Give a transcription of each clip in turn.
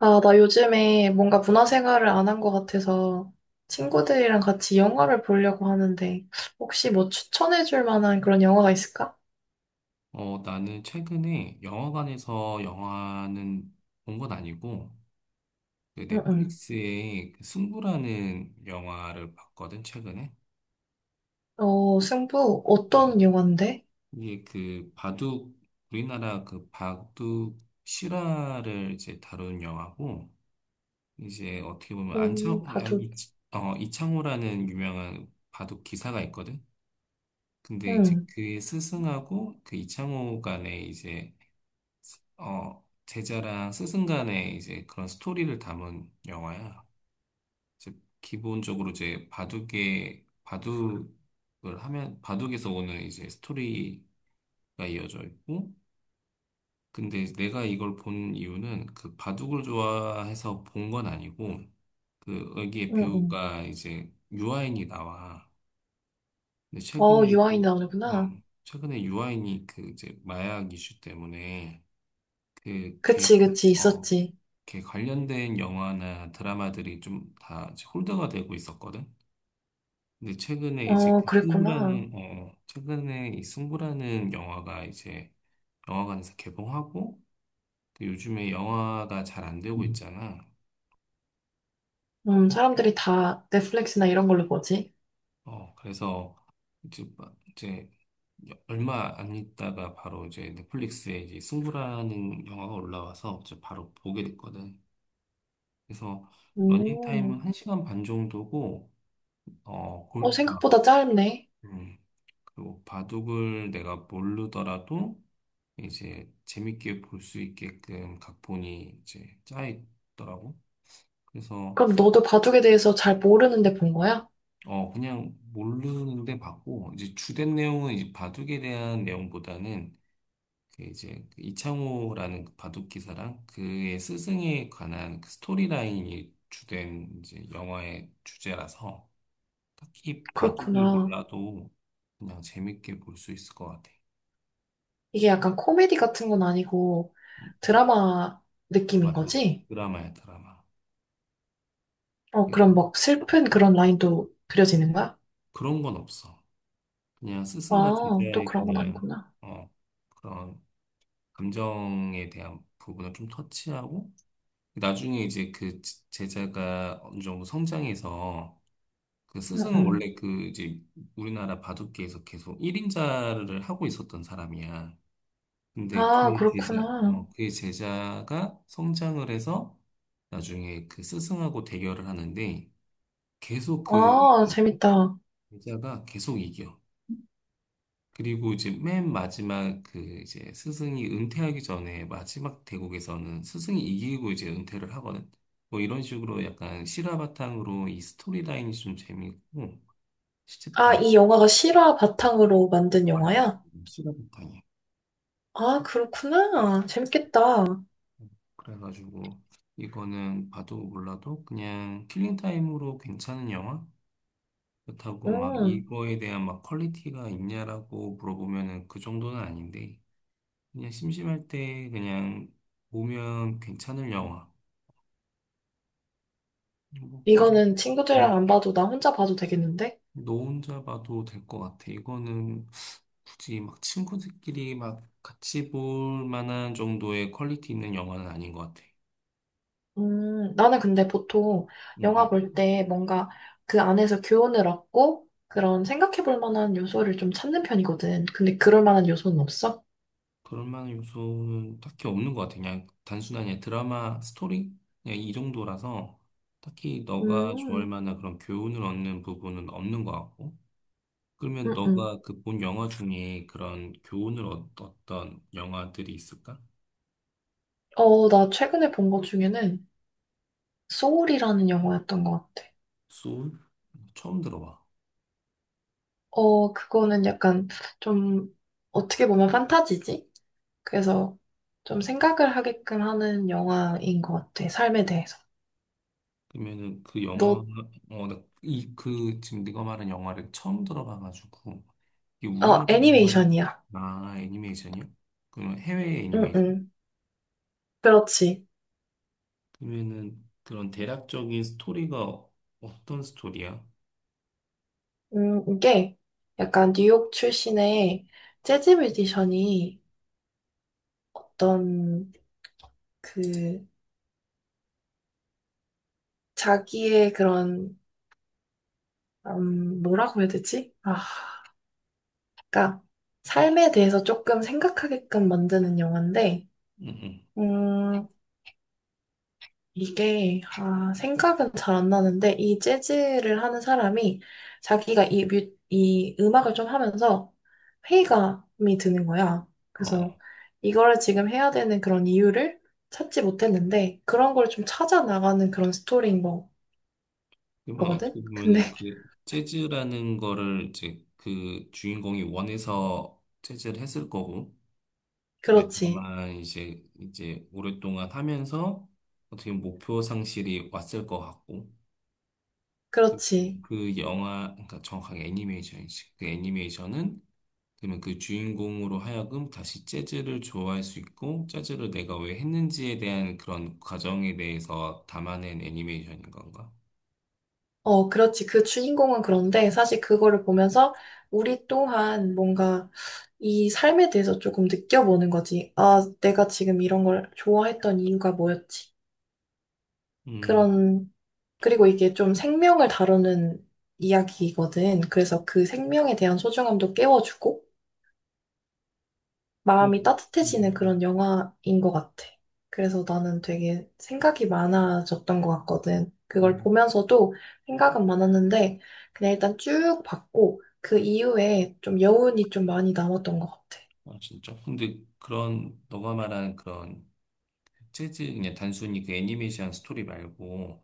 아, 나 요즘에 뭔가 문화생활을 안 한 것 같아서 친구들이랑 같이 영화를 보려고 하는데 혹시 뭐 추천해줄 만한 그런 영화가 있을까? 나는 최근에 영화관에서 영화는 본 건 아니고, 그 응응. 넷플릭스의 그 승부라는 영화를 봤거든, 최근에. 어, 승부 어, 어떤 영화인데? 이게 그 바둑, 우리나라 그 바둑 실화를 이제 다룬 영화고, 이제 어떻게 보면 안창, 아, 바둑. 이, 어, 이창호라는 유명한 바둑 기사가 있거든. 근데 이제 응, 그의 스승하고 그 이창호 간의 제자랑 스승 간의 이제 그런 스토리를 담은 영화야. 이제 기본적으로 이제 바둑을 하면, 바둑에서 오는 이제 스토리가 이어져 있고, 근데 내가 이걸 본 이유는 그 바둑을 좋아해서 본 건 아니고, 그, 여기에 응응. 배우가 이제 유아인이 나와. 근데 어, 최근에, 유아인 유, 어, 나오는구나. 최근에 유아인이 그 이제 마약 이슈 때문에 그 걔, 그치, 그치, 있었지. 이렇게 관련된 영화나 드라마들이 좀 다 홀드가 되고 있었거든. 근데 최근에 이제 어, 그 그랬구나. 승부라는 어 최근에 이 승부라는 영화가 이제 영화관에서 개봉하고 또 요즘에 영화가 잘 안 되고 음. 있잖아. 사람들이 다 넷플릭스나 이런 걸로 보지. 그래서 이제 막- 이제 얼마 안 있다가 바로 이제 넷플릭스에 이제 승부라는 영화가 올라와서 이제 바로 보게 됐거든. 그래서 러닝 타임은 음, 1시간 반 정도고 어 어, 골, 아, 생각보다 짧네. 음. 그리고 바둑을 내가 모르더라도 이제 재밌게 볼 수 있게끔 각본이 이제 짜 있더라고. 그래서 그럼 너도 바둑에 대해서 잘 모르는데 본 거야? 그냥 모르는데 봤고 이제 주된 내용은 이제 바둑에 대한 내용보다는 그 이제 그 이창호라는 그 바둑 기사랑 그의 스승에 관한 그 스토리라인이 주된 이제 영화의 주제라서 딱히 바둑을 그렇구나. 몰라도 그냥 재밌게 볼 수 있을 것 같아. 이게 약간 코미디 같은 건 아니고 음, 드라마 어, 느낌인 맞아. 거지? 드라마야, 드라마. 어, 예. 그럼 막 슬픈 그런 라인도 그려지는 거야? 그런 건 없어. 그냥 스승과 아, 또 제자의 그런 건 아니구나. 어, 그런 감정에 대한 부분을 좀 터치하고 나중에 이제 제자가 어느 정도 성장해서 그 응, 스승은 응. 원래 그 이제 우리나라 바둑계에서 계속 1인자를 하고 있었던 사람이야. 근데 아, 그렇구나. 그의 제자가 성장을 해서 나중에 그 스승하고 대결을 하는데 계속 그 아, 재밌다. 제자가 계속 이겨. 그리고 이제 맨 마지막 그 이제 스승이 은퇴하기 전에 마지막 대국에서는 스승이 이기고 이제 은퇴를 하거든. 뭐 이런 식으로 약간 실화 바탕으로 이 스토리 라인이 좀 재미있고 실제 아, 바- 이 영화가 실화 바탕으로 만든 맞아 맞아, 영화야? 실화 바탕이야. 아, 그렇구나. 재밌겠다. 그래가지고 이거는 봐도 몰라도 그냥 킬링 타임으로 괜찮은 영화? 그렇다고 막 음, 이거에 대한 막 퀄리티가 있냐라고 물어보면은 그 정도는 아닌데 그냥 심심할 때 그냥 보면 괜찮을 영화. 뭐, 이 정도. 이거는 네. 친구들이랑 안 봐도 나 혼자 봐도 되겠는데? 너 혼자 봐도 될 것 같아. 이거는 굳이 막 친구들끼리 막 같이 볼 만한 정도의 퀄리티 있는 영화는 아닌 것 같아. 나는 근데 보통 응, 영화 응. 볼 때 뭔가 그 안에서 교훈을 얻고 그런 생각해 볼 만한 요소를 좀 찾는 편이거든. 근데 그럴 만한 요소는 없어? 그럴 만한 요소는 딱히 없는 것 같아. 그냥 단순한 그냥 드라마 스토리? 그냥 이 정도라서 딱히 너가 좋아할 음, 만한 그런 교훈을 얻는 부분은 없는 것 같고. 그러면 음, 음. 너가 그 본 영화 중에 그런 교훈을 얻었던 영화들이 있을까? 어, 나 최근에 본 것 중에는 소울이라는 영화였던 것 같아. 소울? 처음 들어봐. 어, 그거는 약간 좀 어떻게 보면 판타지지? 그래서 좀 생각을 하게끔 하는 영화인 것 같아. 삶에 대해서. 그러면은 그 영화, 너, 어, 나 지금 네가 말한 영화를 처음 들어봐가지고, 이게 어, 우리나라 일본 애니메이션이야. 아, 애니메이션이요? 그러면 해외 응, 애니메이션? 응. 그렇지. 그러면은 그런 대략적인 스토리가 어떤 스토리야? 이게 약간 뉴욕 출신의 재즈 뮤지션이 어떤 그 자기의 그런 뭐라고 해야 되지? 아, 그러니까 삶에 대해서 조금 생각하게끔 만드는 영화인데, 응, 응. 음, 이게 아, 생각은 잘 안 나는데 이 재즈를 하는 사람이 자기가 이 음악을 좀 하면서 회의감이 드는 거야. 그래서 어, 이거를 지금 해야 되는 그런 이유를 찾지 못했는데 그런 걸 좀 찾아 나가는 그런 스토리인 거, 그러면 거든 어떻게 근데 보면은 그 재즈라는 거를 이제 그 주인공이 원해서 재즈를 했을 거고, 근데 그렇지, 다만 이제 오랫동안 하면서 어떻게 보면 목표 상실이 왔을 것 같고, 그, 그렇지. 그 영화, 그러니까 정확하게 애니메이션이지. 그 애니메이션은 그러면 그 주인공으로 하여금 다시 재즈를 좋아할 수 있고 재즈를 내가 왜 했는지에 대한 그런 과정에 대해서 담아낸 애니메이션인 건가? 어, 그렇지. 그 주인공은 그런데 사실 그거를 보면서 우리 또한 뭔가 이 삶에 대해서 조금 느껴보는 거지. 아, 내가 지금 이런 걸 좋아했던 이유가 뭐였지? 음, 그런, 그리고 이게 좀 생명을 다루는 이야기거든. 그래서 그 생명에 대한 소중함도 깨워주고, 근데, 마음이 음, 따뜻해지는 음, 그런 영화인 것 같아. 그래서 나는 되게 생각이 많아졌던 것 같거든. 음. 그걸 음. 보면서도 생각은 많았는데, 그냥 일단 쭉 봤고, 그 이후에 좀 여운이 좀 많이 남았던 것 같아. 아, 진짜? 근데 그런 너가 말한 그런 재즈 그냥 단순히 그 애니메이션 스토리 말고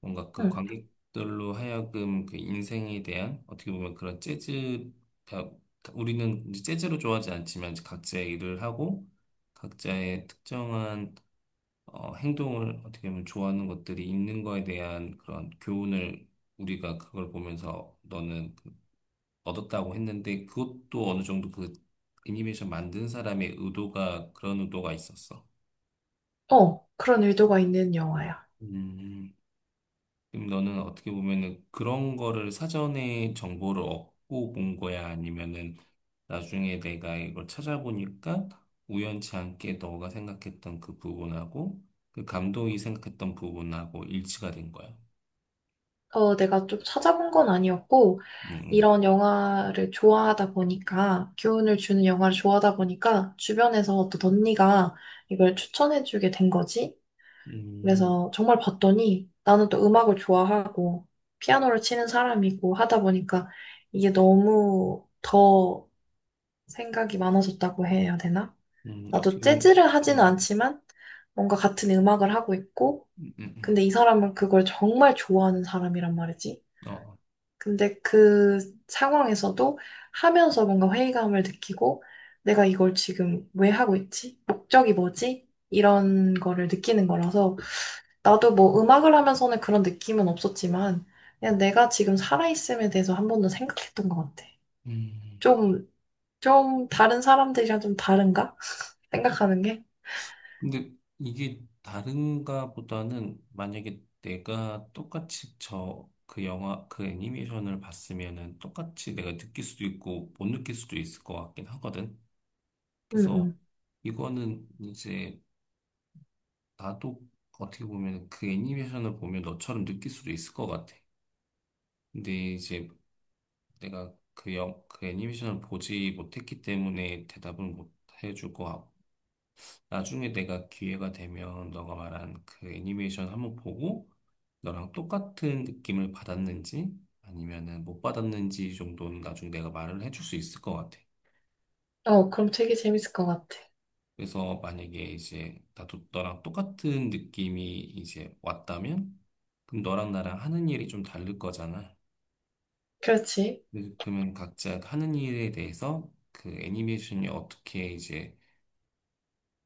뭔가 그 응. 관객들로 하여금 그 인생에 대한 어떻게 보면 그런 재즈 다- 우리는 이제 재즈로 좋아하지 않지만 이제 각자의 일을 하고 각자의 특정한 행동을 어떻게 보면 좋아하는 것들이 있는 거에 대한 그런 교훈을 우리가 그걸 보면서 얻었다고 했는데 그것도 어느 정도 그 애니메이션 만든 사람의 의도가 그런 의도가 있었어. 어, 그런 의도가 있는 영화야. 음. 그럼 너는 어떻게 보면은 그런 거를 사전에 정보를 얻고 본 거야? 아니면은 나중에 내가 이걸 찾아보니까 우연치 않게 너가 생각했던 그 부분하고 그 감독이 생각했던 부분하고 일치가 된 거야? 어, 내가 좀 찾아본 건 아니었고, 음, 음, 이런 영화를 좋아하다 보니까, 교훈을 주는 영화를 좋아하다 보니까, 주변에서 어떤 언니가 이걸 추천해주게 된 거지. 음, 그래서 정말 봤더니 나는 또 음악을 좋아하고 피아노를 치는 사람이고 하다 보니까 이게 너무 더 생각이 많아졌다고 해야 되나? 나도 어떻게, 보 재즈를 하지는 음, 않지만 뭔가 같은 음악을 하고 있고 음, 음, 음, 근데 이 사람은 그걸 정말 좋아하는 사람이란 말이지. 어, 근데 그 상황에서도 하면서 뭔가 회의감을 느끼고 내가 이걸 지금 왜 하고 있지? 목적이 뭐지? 이런 거를 느끼는 거라서 나도 뭐 음악을 하면서는 그런 느낌은 없었지만, 그냥 내가 지금 살아있음에 대해서 한 번도 생각했던 것 같아. 음. 좀, 좀 다른 사람들이랑 좀 다른가? 생각하는 게? 근데 이게 다른가 보다는 만약에 내가 똑같이 저 그 영화, 그 애니메이션을 봤으면은 똑같이 내가 느낄 수도 있고 못 느낄 수도 있을 것 같긴 하거든. 그래서 응, 이거는 이제 나도 어떻게 보면 그 애니메이션을 보면 너처럼 느낄 수도 있을 것 같아. 근데 이제 내가 그 애니메이션을 보지 못했기 때문에 대답은 못 해줄 것 같고. 나중에 내가 기회가 되면 너가 말한 그 애니메이션 한번 보고 너랑 똑같은 느낌을 받았는지 아니면은 못 받았는지 정도는 나중에 내가 말을 해줄 수 있을 것 같아. 응. 어, 그럼 되게 재밌을 것 같아. 그래서 만약에 이제 나도 너랑 똑같은 느낌이 이제 왔다면 그럼 너랑 나랑 하는 일이 좀 다를 거잖아. 그렇지. 그래서 그러면 각자 하는 일에 대해서 그 애니메이션이 어떻게 이제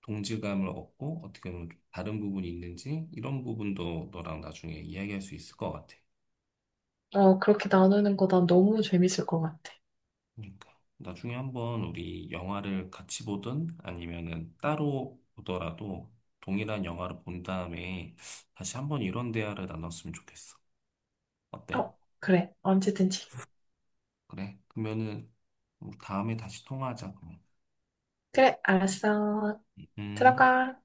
동질감을 얻고 어떻게 보면 좀 다른 부분이 있는지 이런 부분도 너랑 나중에 이야기할 수 있을 것 같아. 어, 그렇게 나누는 거 난 너무 재밌을 것 같아. 그러니까 나중에 한번 우리 영화를 같이 보든 아니면은 따로 보더라도 동일한 영화를 본 다음에 다시 한번 이런 대화를 나눴으면 좋겠어. 어때? 어, 그래. 언제든지. 그래? 그러면은 우리 다음에 다시 통화하자. 그 그래, 알았어. 음. 들어가.